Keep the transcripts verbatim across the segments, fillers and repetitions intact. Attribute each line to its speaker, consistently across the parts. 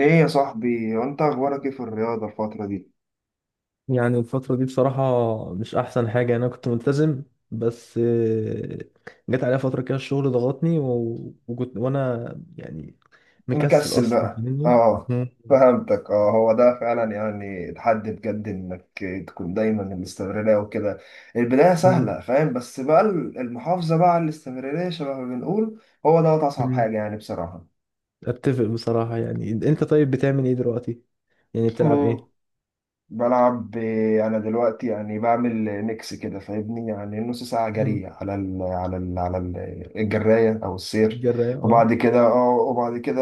Speaker 1: ايه يا صاحبي، وانت اخبارك ايه في الرياضة الفترة دي؟
Speaker 2: يعني الفترة دي بصراحة مش أحسن حاجة، يعني أنا كنت ملتزم بس آه، جت عليا فترة كده، الشغل ضغطني و... وكنت وأنا يعني مكسل
Speaker 1: مكسل
Speaker 2: أصلا،
Speaker 1: بقى،
Speaker 2: فاهمني.
Speaker 1: اه؟
Speaker 2: مم.
Speaker 1: فهمتك، اه. هو ده فعلا يعني تحدي بجد انك تكون دايما الاستمرارية وكده. البداية
Speaker 2: مم.
Speaker 1: سهلة، فاهم، بس بقى المحافظة بقى على الاستمرارية شبه ما بنقول هو ده اصعب
Speaker 2: مم.
Speaker 1: حاجة يعني بصراحة.
Speaker 2: أتفق بصراحة. يعني أنت طيب، بتعمل إيه دلوقتي؟ يعني بتلعب
Speaker 1: مم.
Speaker 2: إيه؟
Speaker 1: بلعب، آه، انا دلوقتي يعني بعمل ميكس كده فاهمني، يعني نص ساعه
Speaker 2: مم.
Speaker 1: جري على ال على ال على ال الجرايه او السير.
Speaker 2: جراية أه.
Speaker 1: وبعد كده اه وبعد كده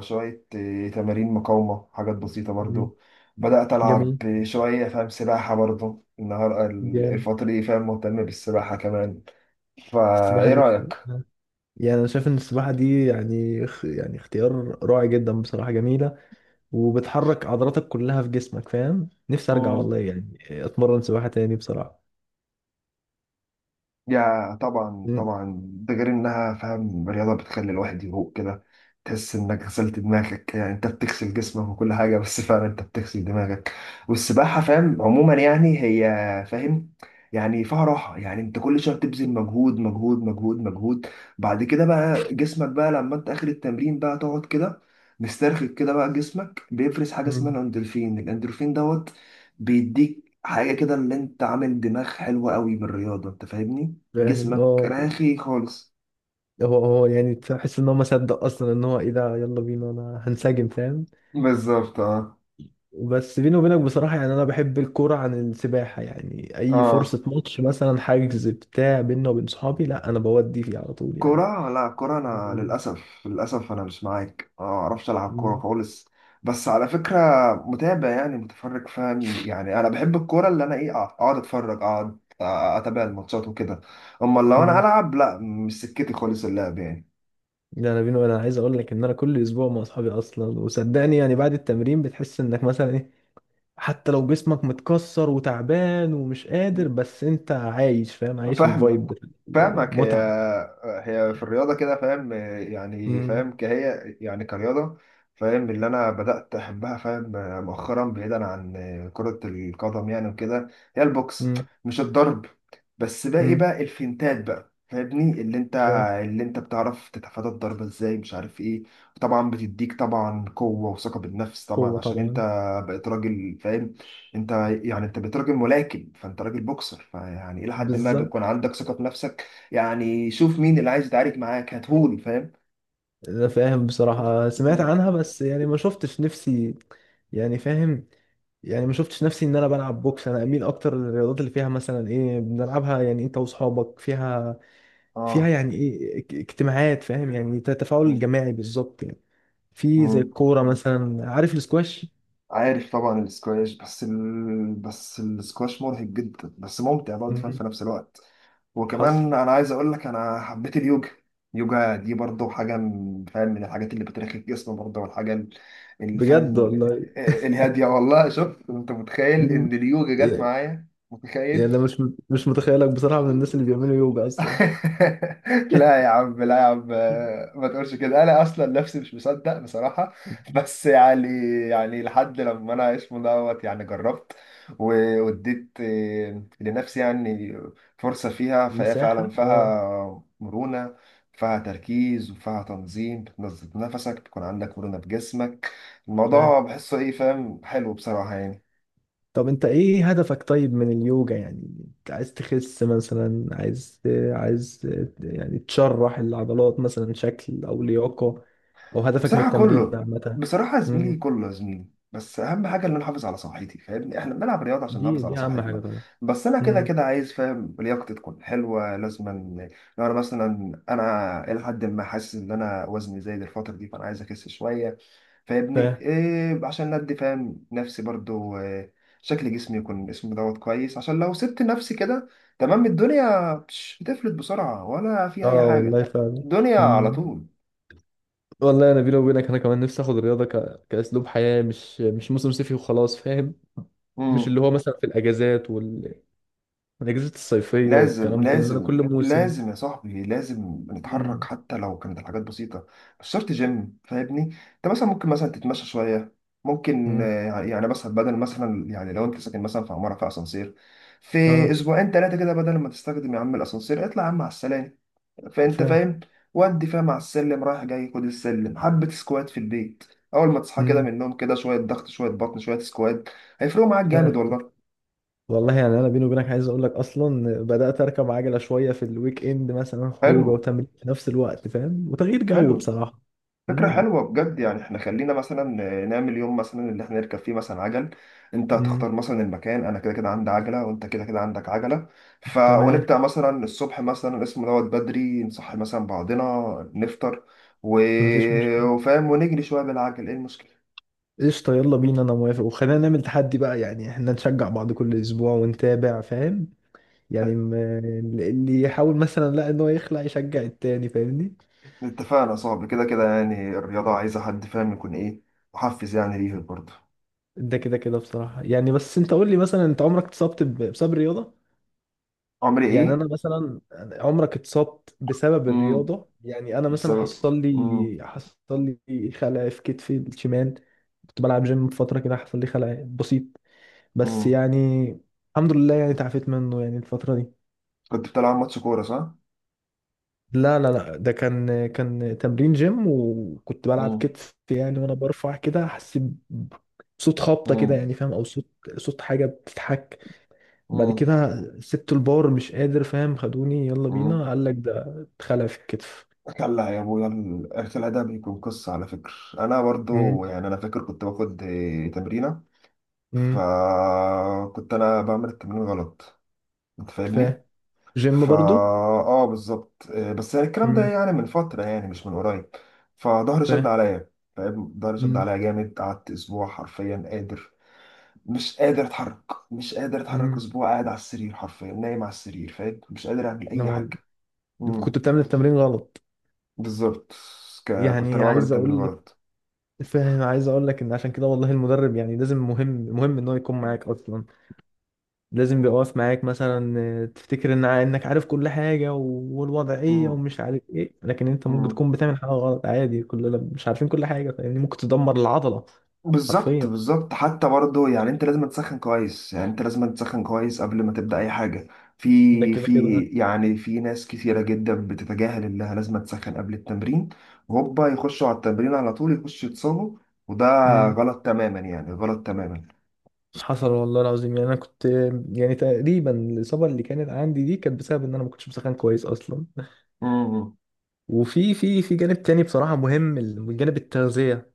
Speaker 1: شويه، آه، تمارين مقاومه، حاجات بسيطه
Speaker 2: مم.
Speaker 1: برضو. بدات العب
Speaker 2: جميل.
Speaker 1: شويه، فاهم، سباحه برضو النهار
Speaker 2: جامد.
Speaker 1: الفتره دي، فاهم، مهتم بالسباحه كمان.
Speaker 2: السباحة
Speaker 1: فايه
Speaker 2: دي بصراحة، يعني أنا شايف إن السباحة دي يعني خ- يعني اختيار رائع جدا، بصراحة جميلة. وبتحرك عضلاتك كلها في جسمك، فاهم. نفسي ارجع والله،
Speaker 1: رايك؟
Speaker 2: يعني اتمرن سباحة تاني بصراحة.
Speaker 1: يا طبعا
Speaker 2: مم.
Speaker 1: طبعا، ده غير انها، فاهم، رياضة بتخلي الواحد يفوق كده. تحس انك غسلت دماغك، يعني انت بتغسل جسمك وكل حاجة، بس فعلا انت بتغسل دماغك. والسباحة، فاهم، عموما يعني هي، فاهم، يعني فيها راحة. يعني انت كل شوية بتبذل مجهود مجهود مجهود مجهود، بعد كده بقى جسمك بقى لما انت اخر التمرين بقى تقعد كده مسترخي كده، بقى جسمك بيفرز حاجة اسمها
Speaker 2: مم.
Speaker 1: الاندورفين الاندورفين دوت بيديك حاجة كده، اللي انت عامل دماغ حلوة قوي بالرياضة، انت فاهمني؟
Speaker 2: فاهم
Speaker 1: جسمك
Speaker 2: اه.
Speaker 1: راخي خالص.
Speaker 2: هو هو يعني تحس ان هو ما صدق اصلا ان هو ايه ده، يلا بينا، انا هنسجم، فاهم.
Speaker 1: بالظبط، اه.
Speaker 2: بس بيني وبينك بصراحة، يعني انا بحب الكورة عن السباحة. يعني اي
Speaker 1: اه،
Speaker 2: فرصة ماتش مثلا حاجز بتاع بينا وبين صحابي، لا انا بودي فيه على طول يعني.
Speaker 1: كرة لا كرة، أنا
Speaker 2: مم.
Speaker 1: للأسف للأسف أنا مش معاك، آه، ما أعرفش ألعب كورة
Speaker 2: مم.
Speaker 1: خالص. بس على فكرة، متابع يعني متفرج، فاهم. يعني أنا بحب الكورة اللي أنا إيه، أقعد أتفرج، أقعد آه، أتابع الماتشات وكده. أما لو أنا
Speaker 2: مم.
Speaker 1: ألعب، لا، مش سكتي خالص اللعب يعني.
Speaker 2: ده انا بيني وبينك، انا عايز اقول لك ان انا كل اسبوع مع اصحابي اصلا. وصدقني يعني بعد التمرين بتحس انك مثلا إيه، حتى لو جسمك متكسر وتعبان ومش قادر، بس انت عايش، فاهم، عايش
Speaker 1: فاهمك،
Speaker 2: الفايب بتاع
Speaker 1: فاهمك، هي
Speaker 2: المتعة.
Speaker 1: هي في الرياضة كده، فاهم، يعني،
Speaker 2: مم.
Speaker 1: فاهم، كهي، يعني كرياضة، فاهم، اللي أنا بدأت أحبها، فاهم، مؤخرا بعيدا عن كرة القدم يعني وكده، هي البوكس.
Speaker 2: مم.
Speaker 1: مش الضرب، بس باقي
Speaker 2: مم.
Speaker 1: بقى الفنتات بقى، فاهمني، اللي انت
Speaker 2: فاهم.
Speaker 1: اللي انت بتعرف تتفادى الضرب ازاي، مش عارف ايه. طبعا بتديك طبعا قوة وثقة بالنفس طبعا
Speaker 2: قوة
Speaker 1: عشان انت
Speaker 2: طبعا.
Speaker 1: بقيت راجل، فاهم انت، يعني انت بقيت راجل ملاكم، فانت راجل بوكسر، فيعني الى حد ما
Speaker 2: بالظبط.
Speaker 1: بيكون عندك ثقه في نفسك. يعني شوف مين اللي عايز يتعارك معاك هاتهولي، فاهم.
Speaker 2: انا فاهم بصراحة، سمعت عنها بس يعني ما شفتش نفسي. يعني فاهم. يعني ما شفتش نفسي ان انا بلعب بوكس. انا اميل اكتر للرياضات اللي فيها مثلا ايه بنلعبها، يعني انت واصحابك. فيها فيها
Speaker 1: اه.
Speaker 2: يعني ايه اك- اجتماعات، فاهم، يعني تفاعل جماعي بالظبط يعني. في زي
Speaker 1: مم.
Speaker 2: الكورة مثلا، عارف؟ السكواش.
Speaker 1: عارف طبعا السكواش، بس ال... بس السكواش مرهق جدا بس ممتع برضه، فاهم، في نفس الوقت.
Speaker 2: حصل.
Speaker 1: وكمان انا عايز اقول لك انا حبيت اليوجا. اليوجا دي برضه حاجه من- فاهم، من الحاجات اللي بترخي الجسم برضه، والحاجه ال- اللي،
Speaker 2: بجد
Speaker 1: فاهم،
Speaker 2: والله.
Speaker 1: آه، الهاديه. والله شوف انت، متخيل
Speaker 2: مم.
Speaker 1: ان اليوجا جت
Speaker 2: إيه،
Speaker 1: معايا؟
Speaker 2: يعني انا
Speaker 1: متخيل؟
Speaker 2: مش مش متخيلك بصراحة من الناس اللي بيعملوا يوجا اصلا.
Speaker 1: لا يا عم، لا يا عم، آه، ما تقولش كده، انا اصلا نفسي مش مصدق بصراحه. بس يعني يعني لحد لما انا اسمه دوت يعني جربت و- واديت، آه، لنفسي يعني فرصه، فيها، فهي فعلا
Speaker 2: مساحة اه.
Speaker 1: فيها مرونه، فيها تركيز وفيها تنظيم، بتنظم نفسك، بتكون عندك مرونه بجسمك.
Speaker 2: ف
Speaker 1: الموضوع بحسه ايه، فاهم، حلو بصراحه يعني.
Speaker 2: طب انت ايه هدفك طيب من اليوجا يعني؟ انت عايز تخس مثلا؟ عايز، عايز يعني تشرح العضلات مثلا شكل او لياقة، او هدفك من
Speaker 1: بصراحة
Speaker 2: التمرين
Speaker 1: كله،
Speaker 2: عامة؟
Speaker 1: بصراحة يا زميلي
Speaker 2: مم.
Speaker 1: كله يا زميلي. بس أهم حاجة إن أنا أحافظ على صحتي، فاهمني، إحنا بنلعب رياضة عشان
Speaker 2: دي
Speaker 1: نحافظ على
Speaker 2: دي اهم حاجة
Speaker 1: صحتنا.
Speaker 2: طبعا.
Speaker 1: بس أنا كده
Speaker 2: مم.
Speaker 1: كده عايز، فاهم، لياقتي تكون حلوة لازما. لو أنا مثلا، أنا إلى حد ما حاسس إن أنا وزني زايد الفترة دي، فأنا عايز أخس شوية،
Speaker 2: ف
Speaker 1: فاهمني إيه، عشان ندي، فاهم، نفسي برضو، آه، شكل جسمي يكون اسمه دوت كويس. عشان لو سبت نفسي كده، تمام، الدنيا بش- بتفلت بسرعة ولا في أي
Speaker 2: اه
Speaker 1: حاجة،
Speaker 2: والله فعلا.
Speaker 1: الدنيا على
Speaker 2: والله انا بيني وبينك، انا كمان نفسي اخد الرياضه ك... كاسلوب حياه، مش مش موسم صيفي وخلاص، فاهم. مش
Speaker 1: طول.
Speaker 2: اللي هو مثلا في الاجازات وال... والاجازات الصيفيه
Speaker 1: لازم
Speaker 2: والكلام ده، لان انا
Speaker 1: لازم
Speaker 2: كل موسم.
Speaker 1: لازم يا صاحبي، لازم نتحرك
Speaker 2: امم.
Speaker 1: حتى لو كانت الحاجات بسيطة، مش شرط جيم، فاهمني. انت مثلا ممكن مثلا تتمشى شوية، ممكن
Speaker 2: امم.
Speaker 1: آه، يعني، مثلا بدل مثلا، يعني لو انت ساكن مثلا في عمارة فيها اسانسير، في
Speaker 2: اه.
Speaker 1: اسبوعين ثلاثة كده بدل ما تستخدم يا عم الاسانسير، اطلع يا عم على السلالم.
Speaker 2: ف
Speaker 1: فانت، فاهم، ودي، فاهم، على السلم رايح جاي، خد السلم، حبة سكوات في البيت اول ما تصحى كده
Speaker 2: امم.
Speaker 1: من النوم، كده شوية ضغط شوية بطن شوية سكوات، هيفرقوا معاك
Speaker 2: ف
Speaker 1: جامد والله.
Speaker 2: والله يعني انا بيني وبينك، عايز اقول لك اصلا بدات اركب عجله شويه في الويك اند، مثلا خروجه
Speaker 1: حلو،
Speaker 2: وتمرين في نفس الوقت، فاهم، وتغيير جو
Speaker 1: حلو،
Speaker 2: بصراحه.
Speaker 1: فكرة
Speaker 2: امم.
Speaker 1: حلوة بجد. يعني احنا خلينا مثلا نعمل يوم مثلا اللي احنا نركب فيه مثلا عجل، انت
Speaker 2: امم.
Speaker 1: هتختار مثلا المكان، انا كده كده عندي عجلة وانت كده كده عندك عجلة، ف
Speaker 2: تمام.
Speaker 1: ونبدأ مثلا الصبح مثلا اسمه دوت بدري، نصحي مثلا بعضنا، نفطر، و...
Speaker 2: مفيش مشكله.
Speaker 1: وفاهم، ونجري شوية بالعجل، ايه المشكلة؟
Speaker 2: قشطة، يلا بينا، أنا موافق. وخلينا نعمل تحدي بقى، يعني احنا نشجع بعض كل أسبوع ونتابع، فاهم. يعني م- اللي يحاول مثلا، لا، إن هو يخلع، يشجع التاني فاهمني.
Speaker 1: اتفقنا، صعب كده كده يعني، الرياضة عايزة حد، فاهم، يكون ايه، محفز يعني ليها برضه.
Speaker 2: ده كده كده بصراحة يعني. بس أنت قول لي مثلا، أنت عمرك اتصبت ب- بسبب الرياضة؟
Speaker 1: عمري
Speaker 2: يعني
Speaker 1: ايه؟
Speaker 2: أنا مثلا عمرك اتصبت بسبب
Speaker 1: امم.
Speaker 2: الرياضة؟ يعني أنا مثلا
Speaker 1: بسبب.
Speaker 2: حصل
Speaker 1: امم.
Speaker 2: لي حصل لي خلع في كتفي الشمال. كنت بلعب جيم فترة كده، حصل لي خلع بسيط. بس
Speaker 1: امم.
Speaker 2: يعني الحمد لله يعني تعافيت منه يعني الفترة دي.
Speaker 1: كنت بتلعب ماتش كورة صح؟
Speaker 2: لا لا لا، ده كان كان تمرين جيم، وكنت بلعب
Speaker 1: امم.
Speaker 2: كتف يعني. وانا برفع كده حسيت بصوت خبطه كده، يعني فاهم، او صوت صوت حاجه بتتحك. بعد
Speaker 1: امم.
Speaker 2: كده سبت البار مش قادر، فاهم. خدوني، يلا
Speaker 1: مم.
Speaker 2: بينا. قال لك ده اتخلع في الكتف.
Speaker 1: كلا يا ابويا، الارث الادبي بيكون قصه على فكره. انا برضو،
Speaker 2: امم.
Speaker 1: يعني انا فاكر كنت باخد آه، تمرينه،
Speaker 2: امم.
Speaker 1: فكنت انا بعمل التمرين غلط، انت فاهمني.
Speaker 2: فاهم، جيم
Speaker 1: فا،
Speaker 2: برضو.
Speaker 1: اه، بالظبط، آه، بس يعني الكلام ده
Speaker 2: امم.
Speaker 1: يعني من فتره، يعني مش من قريب. فظهري شد
Speaker 2: فاهم.
Speaker 1: عليا، فاهم، ظهري شد
Speaker 2: امم.
Speaker 1: عليا جامد، قعدت اسبوع حرفيا قادر، مش قادر اتحرك، مش قادر اتحرك،
Speaker 2: امم.
Speaker 1: اسبوع قاعد على السرير حرفيا نايم على السرير، فاهم، مش قادر اعمل اي
Speaker 2: أنا
Speaker 1: حاجه.
Speaker 2: كنت بتعمل التمرين غلط.
Speaker 1: بالظبط، ك- كنت انا
Speaker 2: يعني
Speaker 1: بعمل
Speaker 2: عايز
Speaker 1: التمرين
Speaker 2: اقول لك،
Speaker 1: غلط.
Speaker 2: فاهم، عايز اقول لك ان عشان كده والله المدرب يعني لازم. مهم مهم ان هو يكون معاك اصلا، لازم يبقى واقف معاك مثلا. آه، تفتكر ان انك عارف كل حاجه و- والوضعيه
Speaker 1: مم.
Speaker 2: ومش عارف ايه، لكن انت ممكن
Speaker 1: مم.
Speaker 2: تكون بتعمل حاجه غلط عادي. كلنا مش عارفين كل حاجه يعني، ممكن تدمر العضله.
Speaker 1: بالظبط،
Speaker 2: حرفيا.
Speaker 1: بالظبط، حتى برضه يعني انت لازم تسخن كويس، يعني انت لازم تسخن كويس قبل ما تبدأ اي حاجة.
Speaker 2: ده
Speaker 1: في
Speaker 2: كده
Speaker 1: في
Speaker 2: كده.
Speaker 1: يعني في ناس كثيرة جدا بتتجاهل انها لازم تسخن قبل التمرين، وهوبا يخشوا على التمرين على طول يخشوا يتصابوا، وده
Speaker 2: امم.
Speaker 1: غلط تماما، يعني غلط تماما.
Speaker 2: حصل والله العظيم يعني. انا كنت يعني تقريبا الاصابه اللي كانت عندي دي كانت بسبب ان انا ما كنتش بسخن كويس اصلا.
Speaker 1: مم.
Speaker 2: وفي في في جانب تاني بصراحه مهم، الجانب التغذيه.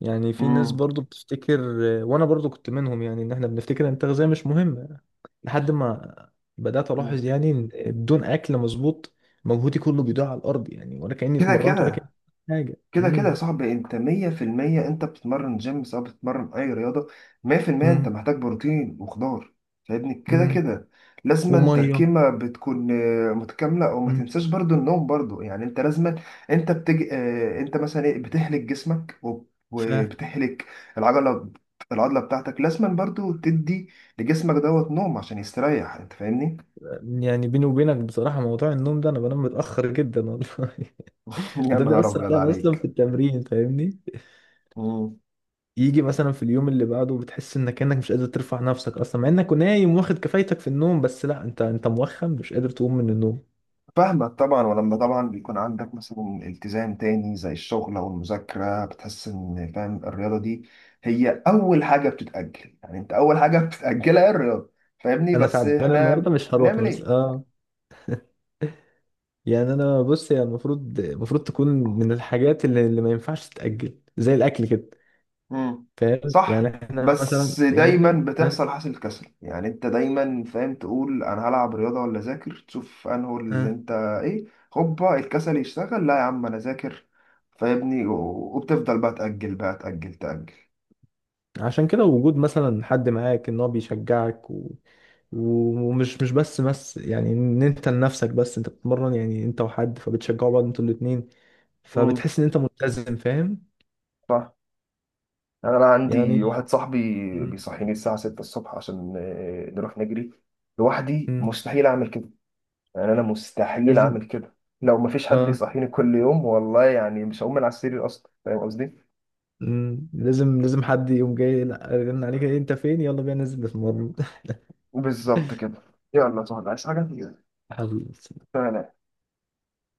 Speaker 2: يعني في ناس
Speaker 1: مم.
Speaker 2: برضو بتفتكر، وانا برضو كنت منهم يعني، ان احنا بنفتكر ان التغذيه مش مهمه لحد ما بدأت
Speaker 1: مم.
Speaker 2: ألاحظ يعني إن بدون أكل مظبوط مجهودي كله بيضيع على الأرض، يعني ولا كأني
Speaker 1: كده
Speaker 2: اتمرنت ولا كأني
Speaker 1: كده
Speaker 2: حاجة.
Speaker 1: كده كده يا
Speaker 2: امم.
Speaker 1: صاحبي، انت مية في المية، انت بتتمرن جيم سواء بتتمرن اي رياضة، مية في المية انت
Speaker 2: امم.
Speaker 1: محتاج بروتين وخضار، فاهمني، كده
Speaker 2: امم.
Speaker 1: كده لازما
Speaker 2: ومية.
Speaker 1: تركيمة بتكون آه، متكاملة. او ما
Speaker 2: امم.
Speaker 1: تنساش برضو النوم برضو، يعني انت لازما انت بتج... اه، انت مثلا ايه بتهلك جسمك وب-
Speaker 2: ف
Speaker 1: وبتهلك العضلة العضلة بتاعتك لازما برضو تدي لجسمك دوت نوم عشان يستريح، انت فاهمني.
Speaker 2: يعني بيني وبينك بصراحة موضوع النوم ده، أنا بنام متأخر جدا والله.
Speaker 1: يا
Speaker 2: وده
Speaker 1: نهار
Speaker 2: بيأثر
Speaker 1: ابيض
Speaker 2: عليا أصلا في
Speaker 1: عليك.
Speaker 2: التمرين، فاهمني. يجي مثلا في اليوم اللي بعده بتحس إنك كأنك مش قادر ترفع نفسك أصلا، مع إنك نايم واخد كفايتك في النوم، بس لا، أنت أنت موخم، مش قادر تقوم من النوم.
Speaker 1: فاهمك طبعا، ولما طبعا بيكون عندك مثلا التزام تاني زي الشغل او المذاكره، بتحس ان، فاهم، الرياضه دي هي اول حاجه بتتاجل، يعني انت اول حاجه بتتاجلها هي الرياضه، فاهمني،
Speaker 2: أنا
Speaker 1: بس
Speaker 2: تعبان النهاردة
Speaker 1: احنا
Speaker 2: مش هروح
Speaker 1: بنعمل
Speaker 2: مثلا
Speaker 1: ايه؟
Speaker 2: آه يعني انا بص، هي المفروض، المفروض تكون من الحاجات اللي, اللي ما ينفعش تتأجل زي الاكل كده،
Speaker 1: امم.
Speaker 2: فاهم. يعني
Speaker 1: صح،
Speaker 2: احنا مثلا،
Speaker 1: بس
Speaker 2: يعني احنا
Speaker 1: دايما
Speaker 2: آه،
Speaker 1: بتحصل حاصل كسل يعني، انت دايما، فاهم، تقول انا هلعب رياضه ولا اذاكر، تشوف انه اللي
Speaker 2: آه.
Speaker 1: انت ايه، هوبا الكسل يشتغل، لا يا عم انا اذاكر، فاهمني. و- وبتفضل بقى تاجل بقى تاجل تاجل.
Speaker 2: عشان كده وجود مثلا حد معاك ان هو بيشجعك و... و- ومش مش بس بس يعني ان انت لنفسك، بس انت بتتمرن يعني انت وحد، فبتشجعوا بعض انتوا الاتنين،
Speaker 1: مم.
Speaker 2: فبتحس ان انت ملتزم، فاهم.
Speaker 1: صح. يعني انا عندي
Speaker 2: يعني
Speaker 1: واحد صاحبي
Speaker 2: م-
Speaker 1: بيصحيني الساعه ستة الصبح عشان آه، نروح نجري. لوحدي
Speaker 2: م-
Speaker 1: مستحيل اعمل كده، يعني انا مستحيل
Speaker 2: لازم
Speaker 1: اعمل كده، لو مفيش حد
Speaker 2: اه
Speaker 1: يصحيني كل يوم والله، يعني مش هقوم من على السرير اصلا، فاهم قصدي.
Speaker 2: م- لازم لازم حد يقوم جاي، لا، رن عليك إيه، انت فين، يلا بينا ننزل نتمرن.
Speaker 1: بالظبط كده. يلا يا صاحبي، عايز حاجه؟
Speaker 2: حلو.
Speaker 1: سلام.